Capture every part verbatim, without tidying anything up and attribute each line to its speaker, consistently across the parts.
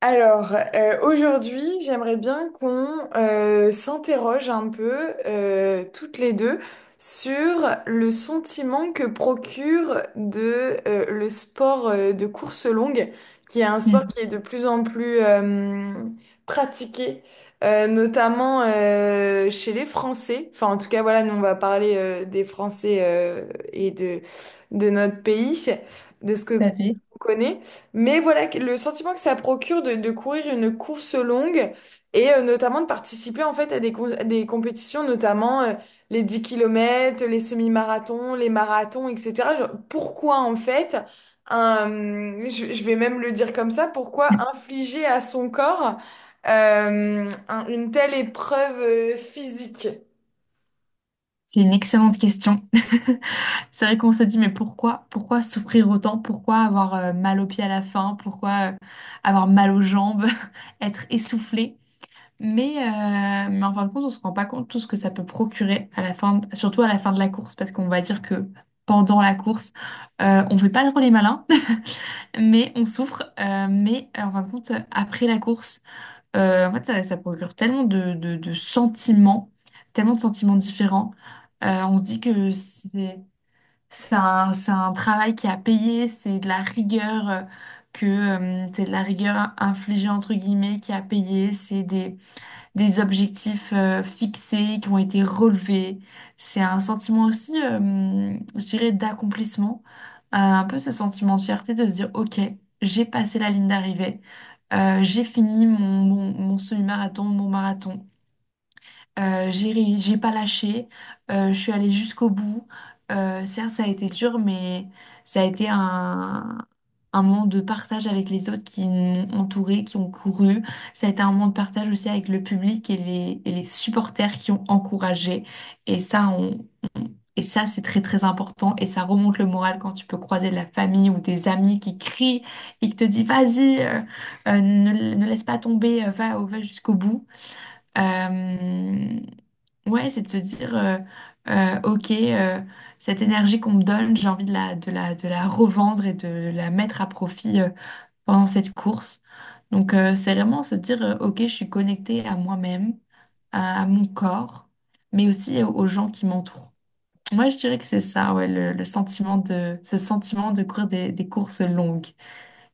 Speaker 1: Alors, euh, aujourd'hui, j'aimerais bien qu'on euh, s'interroge un peu, euh, toutes les deux, sur le sentiment que procure de, euh, le sport euh, de course longue, qui est un sport
Speaker 2: Mm.
Speaker 1: qui est de plus en plus euh, pratiqué, euh, notamment euh, chez les Français. Enfin, en tout cas, voilà, nous, on va parler euh, des Français euh, et de, de notre pays, de ce que
Speaker 2: Tout à fait.
Speaker 1: on connaît. Mais voilà, que- le sentiment que ça procure de, de courir une course longue et euh, notamment de participer en fait à des, com- à des compétitions, notamment euh, les dix kilomètres, les semi-marathons, les marathons, et cetera. Genre, pourquoi en fait, un, hum, je, je vais même le dire comme ça, pourquoi infliger à son corps euh, un- une telle épreuve euh, physique?
Speaker 2: C'est une excellente question. C'est vrai qu'on se dit, mais pourquoi, pourquoi souffrir autant? Pourquoi avoir euh, mal aux pieds à la fin? Pourquoi euh, avoir mal aux jambes? Être essoufflé? Mais, euh, mais en fin de compte, on se rend pas compte tout ce que ça peut procurer à la fin, de- surtout à la fin de la course, parce qu'on va dire que pendant la course, euh, on fait pas trop les malins, mais on souffre. Euh, mais euh, en fin de compte, après la course, Euh, en fait, ça, ça procure tellement de, de, de sentiments, tellement de sentiments différents. Euh, on se dit que c'est c'est un, c'est un travail qui a payé, c'est de la rigueur euh, que euh, c'est de la rigueur infligée entre guillemets qui a payé, c'est des des objectifs euh, fixés qui ont été relevés. C'est un sentiment aussi, euh, je dirais, d'accomplissement, Euh, un peu ce sentiment de fierté de se dire, OK, j'ai passé la ligne d'arrivée. Euh, j'ai fini mon, mon, mon semi-marathon, mon marathon. Euh, j'ai réussi, j'ai pas lâché, euh, je suis allée jusqu'au bout. Euh, certes, ça a été dur, mais ça a été un, un moment de partage avec les autres qui m'ont entourée, qui ont couru. Ça a été un moment de partage aussi avec le public et les, et les supporters qui ont encouragé. Et ça, on, on- et ça, c'est très très important, et ça remonte le moral quand tu peux croiser de la famille ou des amis qui crient et qui te disent, vas-y, euh, euh, ne, ne laisse pas tomber, euh, va, va jusqu'au bout. Euh, Ouais, c'est de se dire, euh, euh, ok, euh, cette énergie qu'on me donne, j'ai envie de la, de la, de la revendre et de la mettre à profit euh, pendant cette course. Donc, euh, c'est vraiment se dire, euh, ok, je suis connectée à moi-même, à, à mon corps, mais aussi aux gens qui m'entourent. Moi, je dirais que c'est ça, ouais, le, le sentiment de, ce sentiment de courir des, des courses longues.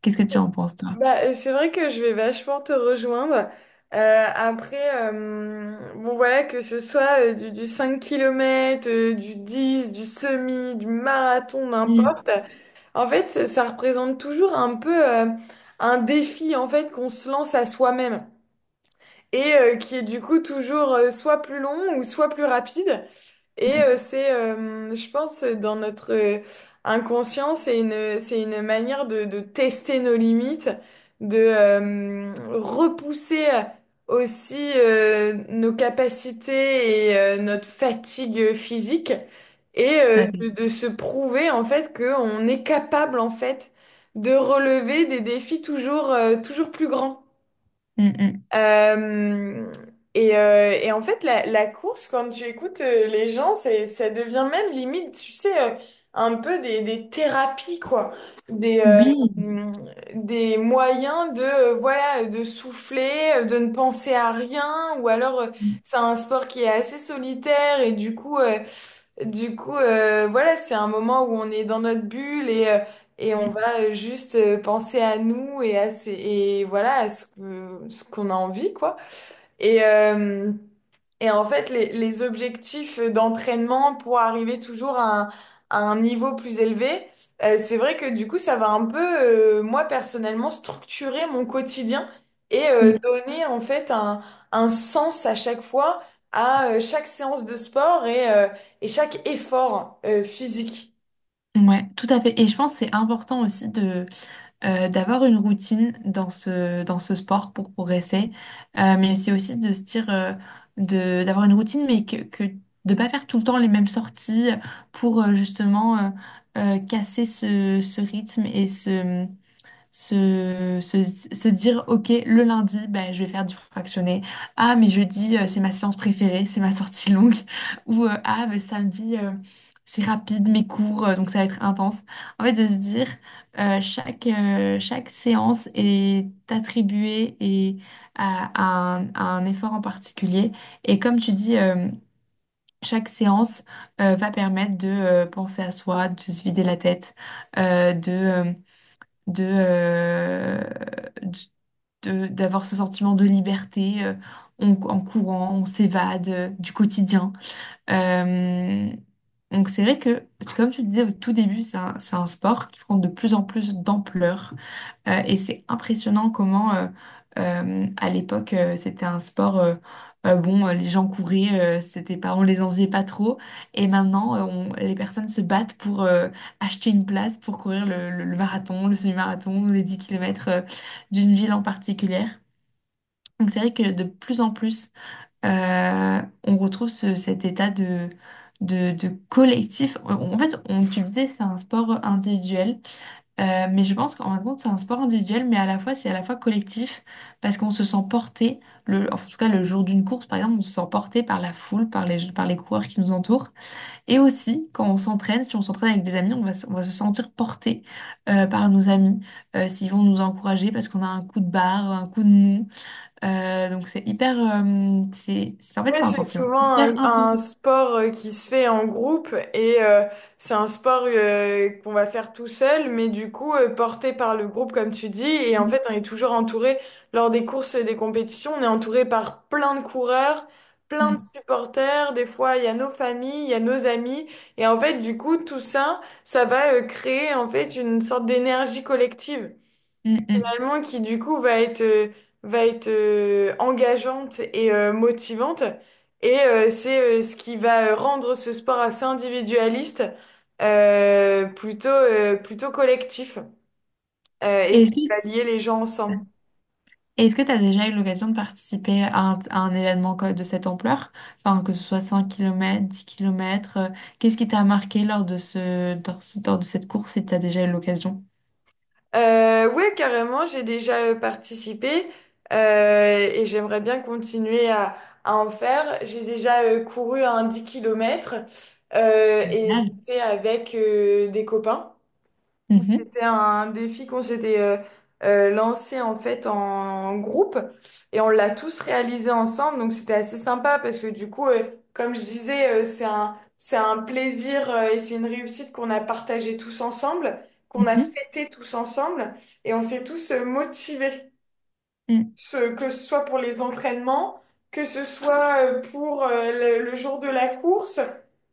Speaker 2: Qu'est-ce que tu en penses, toi?
Speaker 1: Bah, euh, c'est vrai que je vais vachement te rejoindre. Euh, après, euh, bon voilà, que ce soit euh, du, du cinq kilomètres, euh, du dix, du semi, du marathon,
Speaker 2: Mm,
Speaker 1: n'importe. En fait, ça, ça représente toujours un peu euh, un défi en fait qu'on se lance à soi-même et euh, qui est du coup toujours euh, soit plus long ou soit plus rapide. Et euh,
Speaker 2: mm,
Speaker 1: c'est, euh, je pense, euh, dans notre euh, inconscient, c'est une, c'est une manière de, de tester nos limites, de euh, repousser euh, aussi euh, nos capacités et euh, notre fatigue physique, et
Speaker 2: tout à
Speaker 1: euh,
Speaker 2: fait.
Speaker 1: de, de se prouver en fait qu'on est capable en fait de relever des défis toujours, euh, toujours plus grands.
Speaker 2: Mm, mm.
Speaker 1: Euh, et, euh, et en fait, la, la course, quand tu écoutes euh, les gens, c'est, ça devient même limite, tu sais, euh, un peu des, des thérapies, quoi. Des, euh,
Speaker 2: Oui.
Speaker 1: mm, des moyens de, euh, voilà, de souffler, euh, de ne penser à rien, ou alors euh,
Speaker 2: Mm,
Speaker 1: c'est un sport qui est assez solitaire et du coup, euh, du coup, euh, voilà, c'est un moment où on est dans notre bulle et, euh, et on va
Speaker 2: mm,
Speaker 1: euh, juste euh, penser à nous et à ces- et voilà, à ce que- ce qu'on a envie, quoi. Et, euh, et en fait, les, les objectifs d'entraînement pour arriver toujours à un, à un niveau plus élevé, euh, c'est vrai que du coup, ça va un peu, euh, moi personnellement, structurer mon quotidien et euh, donner en fait un, un sens à chaque fois, à euh, chaque séance de sport et, euh, et chaque effort euh, physique.
Speaker 2: mm. Ouais, tout à fait. Et je pense que c'est important aussi de euh, d'avoir une routine dans ce, dans ce sport pour progresser. Euh, mais c'est aussi de se dire euh, de, d'avoir une routine, mais que, que de pas faire tout le temps les mêmes sorties pour euh, justement euh, euh, casser ce, ce rythme et ce, se, se, se dire, OK, le lundi, ben, je vais faire du fractionné. Ah, mais jeudi, euh, c'est ma séance préférée, c'est ma sortie longue. Ou euh, ah, ben, samedi, euh, c'est rapide, mes cours, euh, donc ça va être intense. En fait, de se dire, euh, chaque, euh, chaque séance est attribuée et à, à un, à un effort en particulier. Et comme tu dis, euh, chaque séance euh, va permettre de euh, penser à soi, de se vider la tête, euh, de, euh, de, euh, d- de- d'avoir ce sentiment de liberté. Euh, on- en courant, on s'évade euh, du quotidien. Euh, donc c'est vrai que, comme tu disais au tout début, c'est un, c'est un sport qui prend de plus en plus d'ampleur. Euh, et c'est impressionnant comment, euh, euh, à l'époque, euh, c'était un sport, euh, euh, bon, euh, les gens couraient, euh, c'était pas, on les enviait pas trop. Et maintenant, euh, on- les personnes se battent pour euh, acheter une place pour courir le, le- le marathon, le semi-marathon, les dix kilomètres euh, d'une ville en particulier. Donc c'est vrai que de plus en plus euh, on retrouve ce- cet état de, de, de collectif. Euh, En fait, on, tu disais, c'est un sport individuel, euh, mais je pense qu'en fin de compte, c'est un sport individuel, mais à la fois, c'est à la fois collectif, parce qu'on se sent porté, le, en tout cas le jour d'une course, par exemple, on se sent porté par la foule, par les, par les coureurs qui nous entourent. Et aussi, quand on s'entraîne, si on s'entraîne avec des amis, on va, se- on va se sentir porté euh, par nos amis, euh, s'ils vont nous encourager parce qu'on a un coup de barre, un coup de mou. Euh, donc c'est hyper, euh, c'est, c'est- en fait
Speaker 1: Ouais,
Speaker 2: c'est un
Speaker 1: c'est
Speaker 2: sentiment
Speaker 1: souvent
Speaker 2: hyper
Speaker 1: un,
Speaker 2: intense.
Speaker 1: un sport euh, qui se fait en groupe et euh, c'est un sport euh, qu'on va faire tout seul, mais du coup euh, porté par le groupe comme tu dis. Et en
Speaker 2: Mm,
Speaker 1: fait, on est toujours entouré lors des courses et des compétitions, on est entouré par plein de coureurs, plein de
Speaker 2: mm,
Speaker 1: supporters. Des fois, il y a nos familles, il y a nos amis. Et en fait, du coup, tout ça, ça va euh, créer en fait une sorte d'énergie collective
Speaker 2: mm. Mm.
Speaker 1: finalement, qui du coup va être, euh, va être euh, engageante et euh, motivante. Et euh, c'est euh, ce qui va euh, rendre ce sport assez individualiste, euh, plutôt, euh, plutôt collectif, euh, et
Speaker 2: Et
Speaker 1: ça
Speaker 2: Est-ce
Speaker 1: va
Speaker 2: que,
Speaker 1: lier les gens ensemble.
Speaker 2: est-ce que tu as déjà eu l'occasion de participer à un, à un événement co- de cette ampleur? Enfin, que ce soit cinq kilomètres, dix kilomètres, euh, qu'est-ce qui t'a marqué lors de ce, lors, ce- lors de cette course, si tu as déjà eu l'occasion?
Speaker 1: Euh, ouais, carrément, j'ai déjà euh, participé euh, et j'aimerais bien continuer à, à en faire. J'ai déjà euh, couru un dix kilomètres euh, et
Speaker 2: Génial.
Speaker 1: c'était avec euh, des copains.
Speaker 2: Mhm,
Speaker 1: C'était un défi qu'on s'était euh, euh, lancé en fait en groupe et on l'a tous réalisé ensemble. Donc c'était assez sympa parce que du coup, euh, comme je disais, euh, c'est un, c'est un plaisir euh, et c'est une réussite qu'on a partagé tous ensemble, qu'on a fêté tous ensemble et on s'est tous euh, motivés.
Speaker 2: mhm.
Speaker 1: Ce- que ce soit pour les entraînements, que ce soit euh, pour euh, le, le jour de la course.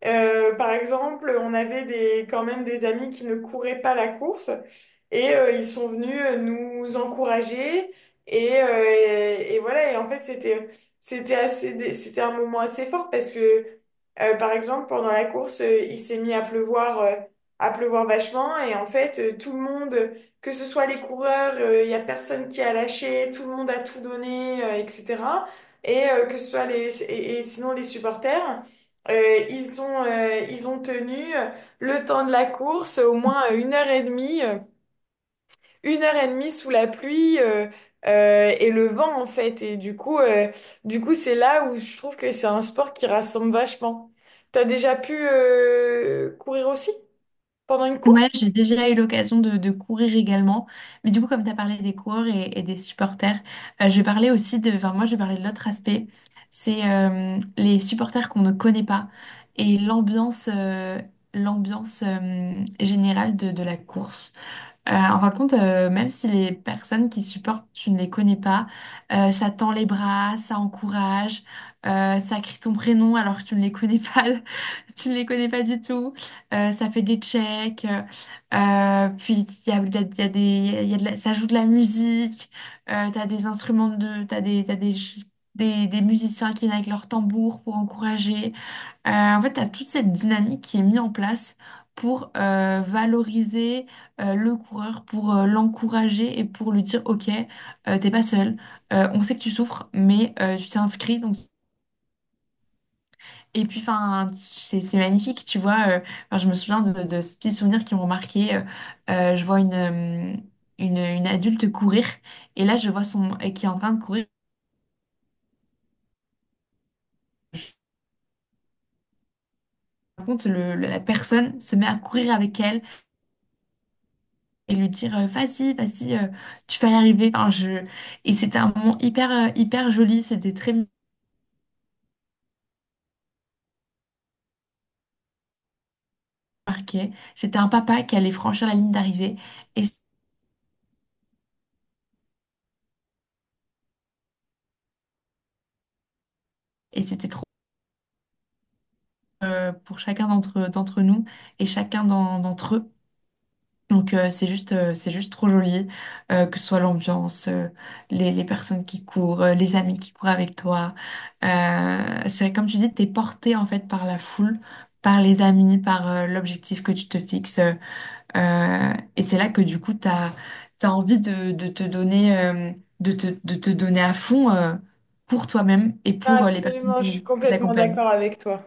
Speaker 1: Euh, par exemple, on avait des, quand même des amis qui ne couraient pas la course et euh, ils sont venus euh, nous encourager. Et, euh, et, et voilà, et en fait, c'était, c'était assez, dé- c'était un moment assez fort parce que, euh, par exemple, pendant la course, euh, il s'est mis à pleuvoir, euh, à pleuvoir, vachement et en fait, euh, tout le monde que ce soit les coureurs, euh, il n'y a personne qui a lâché, tout le monde a tout donné, euh, et cetera. Et euh, que ce soit les, et, et sinon les supporters, euh, ils ont, euh, ils ont tenu euh, le temps de la course, au moins euh, une heure et demie, euh, une heure et demie sous la pluie euh, euh, et le vent en fait. Et du coup, euh, du coup, c'est là où je trouve que c'est un sport qui rassemble vachement. T'as déjà pu euh, courir aussi pendant une course?
Speaker 2: Ouais, j'ai déjà eu l'occasion de, de courir également. Mais du coup, comme tu as parlé des coureurs et, et des supporters, euh, je vais parler aussi de... Enfin, moi, je vais parler de l'autre aspect. C'est euh, les supporters qu'on ne connaît pas et l'ambiance euh, l'ambiance euh, générale de, de la course. Euh, en fin de compte, euh, même si les personnes qui supportent, tu ne les connais pas, euh, ça tend les bras, ça encourage, euh, ça crie ton prénom alors que tu ne les connais pas, tu ne les connais pas du tout, euh, ça fait des checks, euh, euh, puis il y a, il y a- il y a des, il y a de la-, ça joue de la musique, euh, t'as des instruments de, t'as des, t'as des, des, des musiciens qui viennent avec leur tambour pour encourager. Euh, en fait, tu as toute cette dynamique qui est mise en place pour euh, valoriser euh, le coureur, pour euh, l'encourager et pour lui dire, OK, euh, t'es pas seul. Euh, on sait que tu souffres, mais euh, tu t'es inscrit. Donc... Et puis, enfin, c'est c'est magnifique, tu vois. Euh, 'fin, je me souviens de, de de ces petits souvenirs qui m'ont marqué. Euh, euh, je vois une, euh, une, une adulte courir, et là, je vois son... euh, qui est en train de courir. Par contre, le- la personne se met à courir avec elle, et lui dire euh, vas-y, vas-y, euh, tu vas y arriver. Enfin, je... Et c'était un moment hyper, euh, hyper joli, c'était très marqué. C'était un papa qui allait franchir la ligne d'arrivée, et, et c'était trop euh, pour chacun d'entre, d'entre nous et chacun d'en- d'entre eux. Donc euh, c'est juste, euh, c'est juste trop joli, euh, que ce soit l'ambiance, euh, les, les personnes qui courent, euh, les amis qui courent avec toi. Euh, c'est vrai, comme tu dis, t'es porté en fait par la foule, par les amis, par euh, l'objectif que tu te fixes. Euh, Euh, et c'est là que du coup, tu as envie de, de te donner, euh, de te, de te donner à fond, euh, pour toi-même et
Speaker 1: Non,
Speaker 2: pour euh, les personnes
Speaker 1: absolument, je
Speaker 2: qui
Speaker 1: suis
Speaker 2: qui
Speaker 1: complètement
Speaker 2: t'accompagnent.
Speaker 1: d'accord avec toi.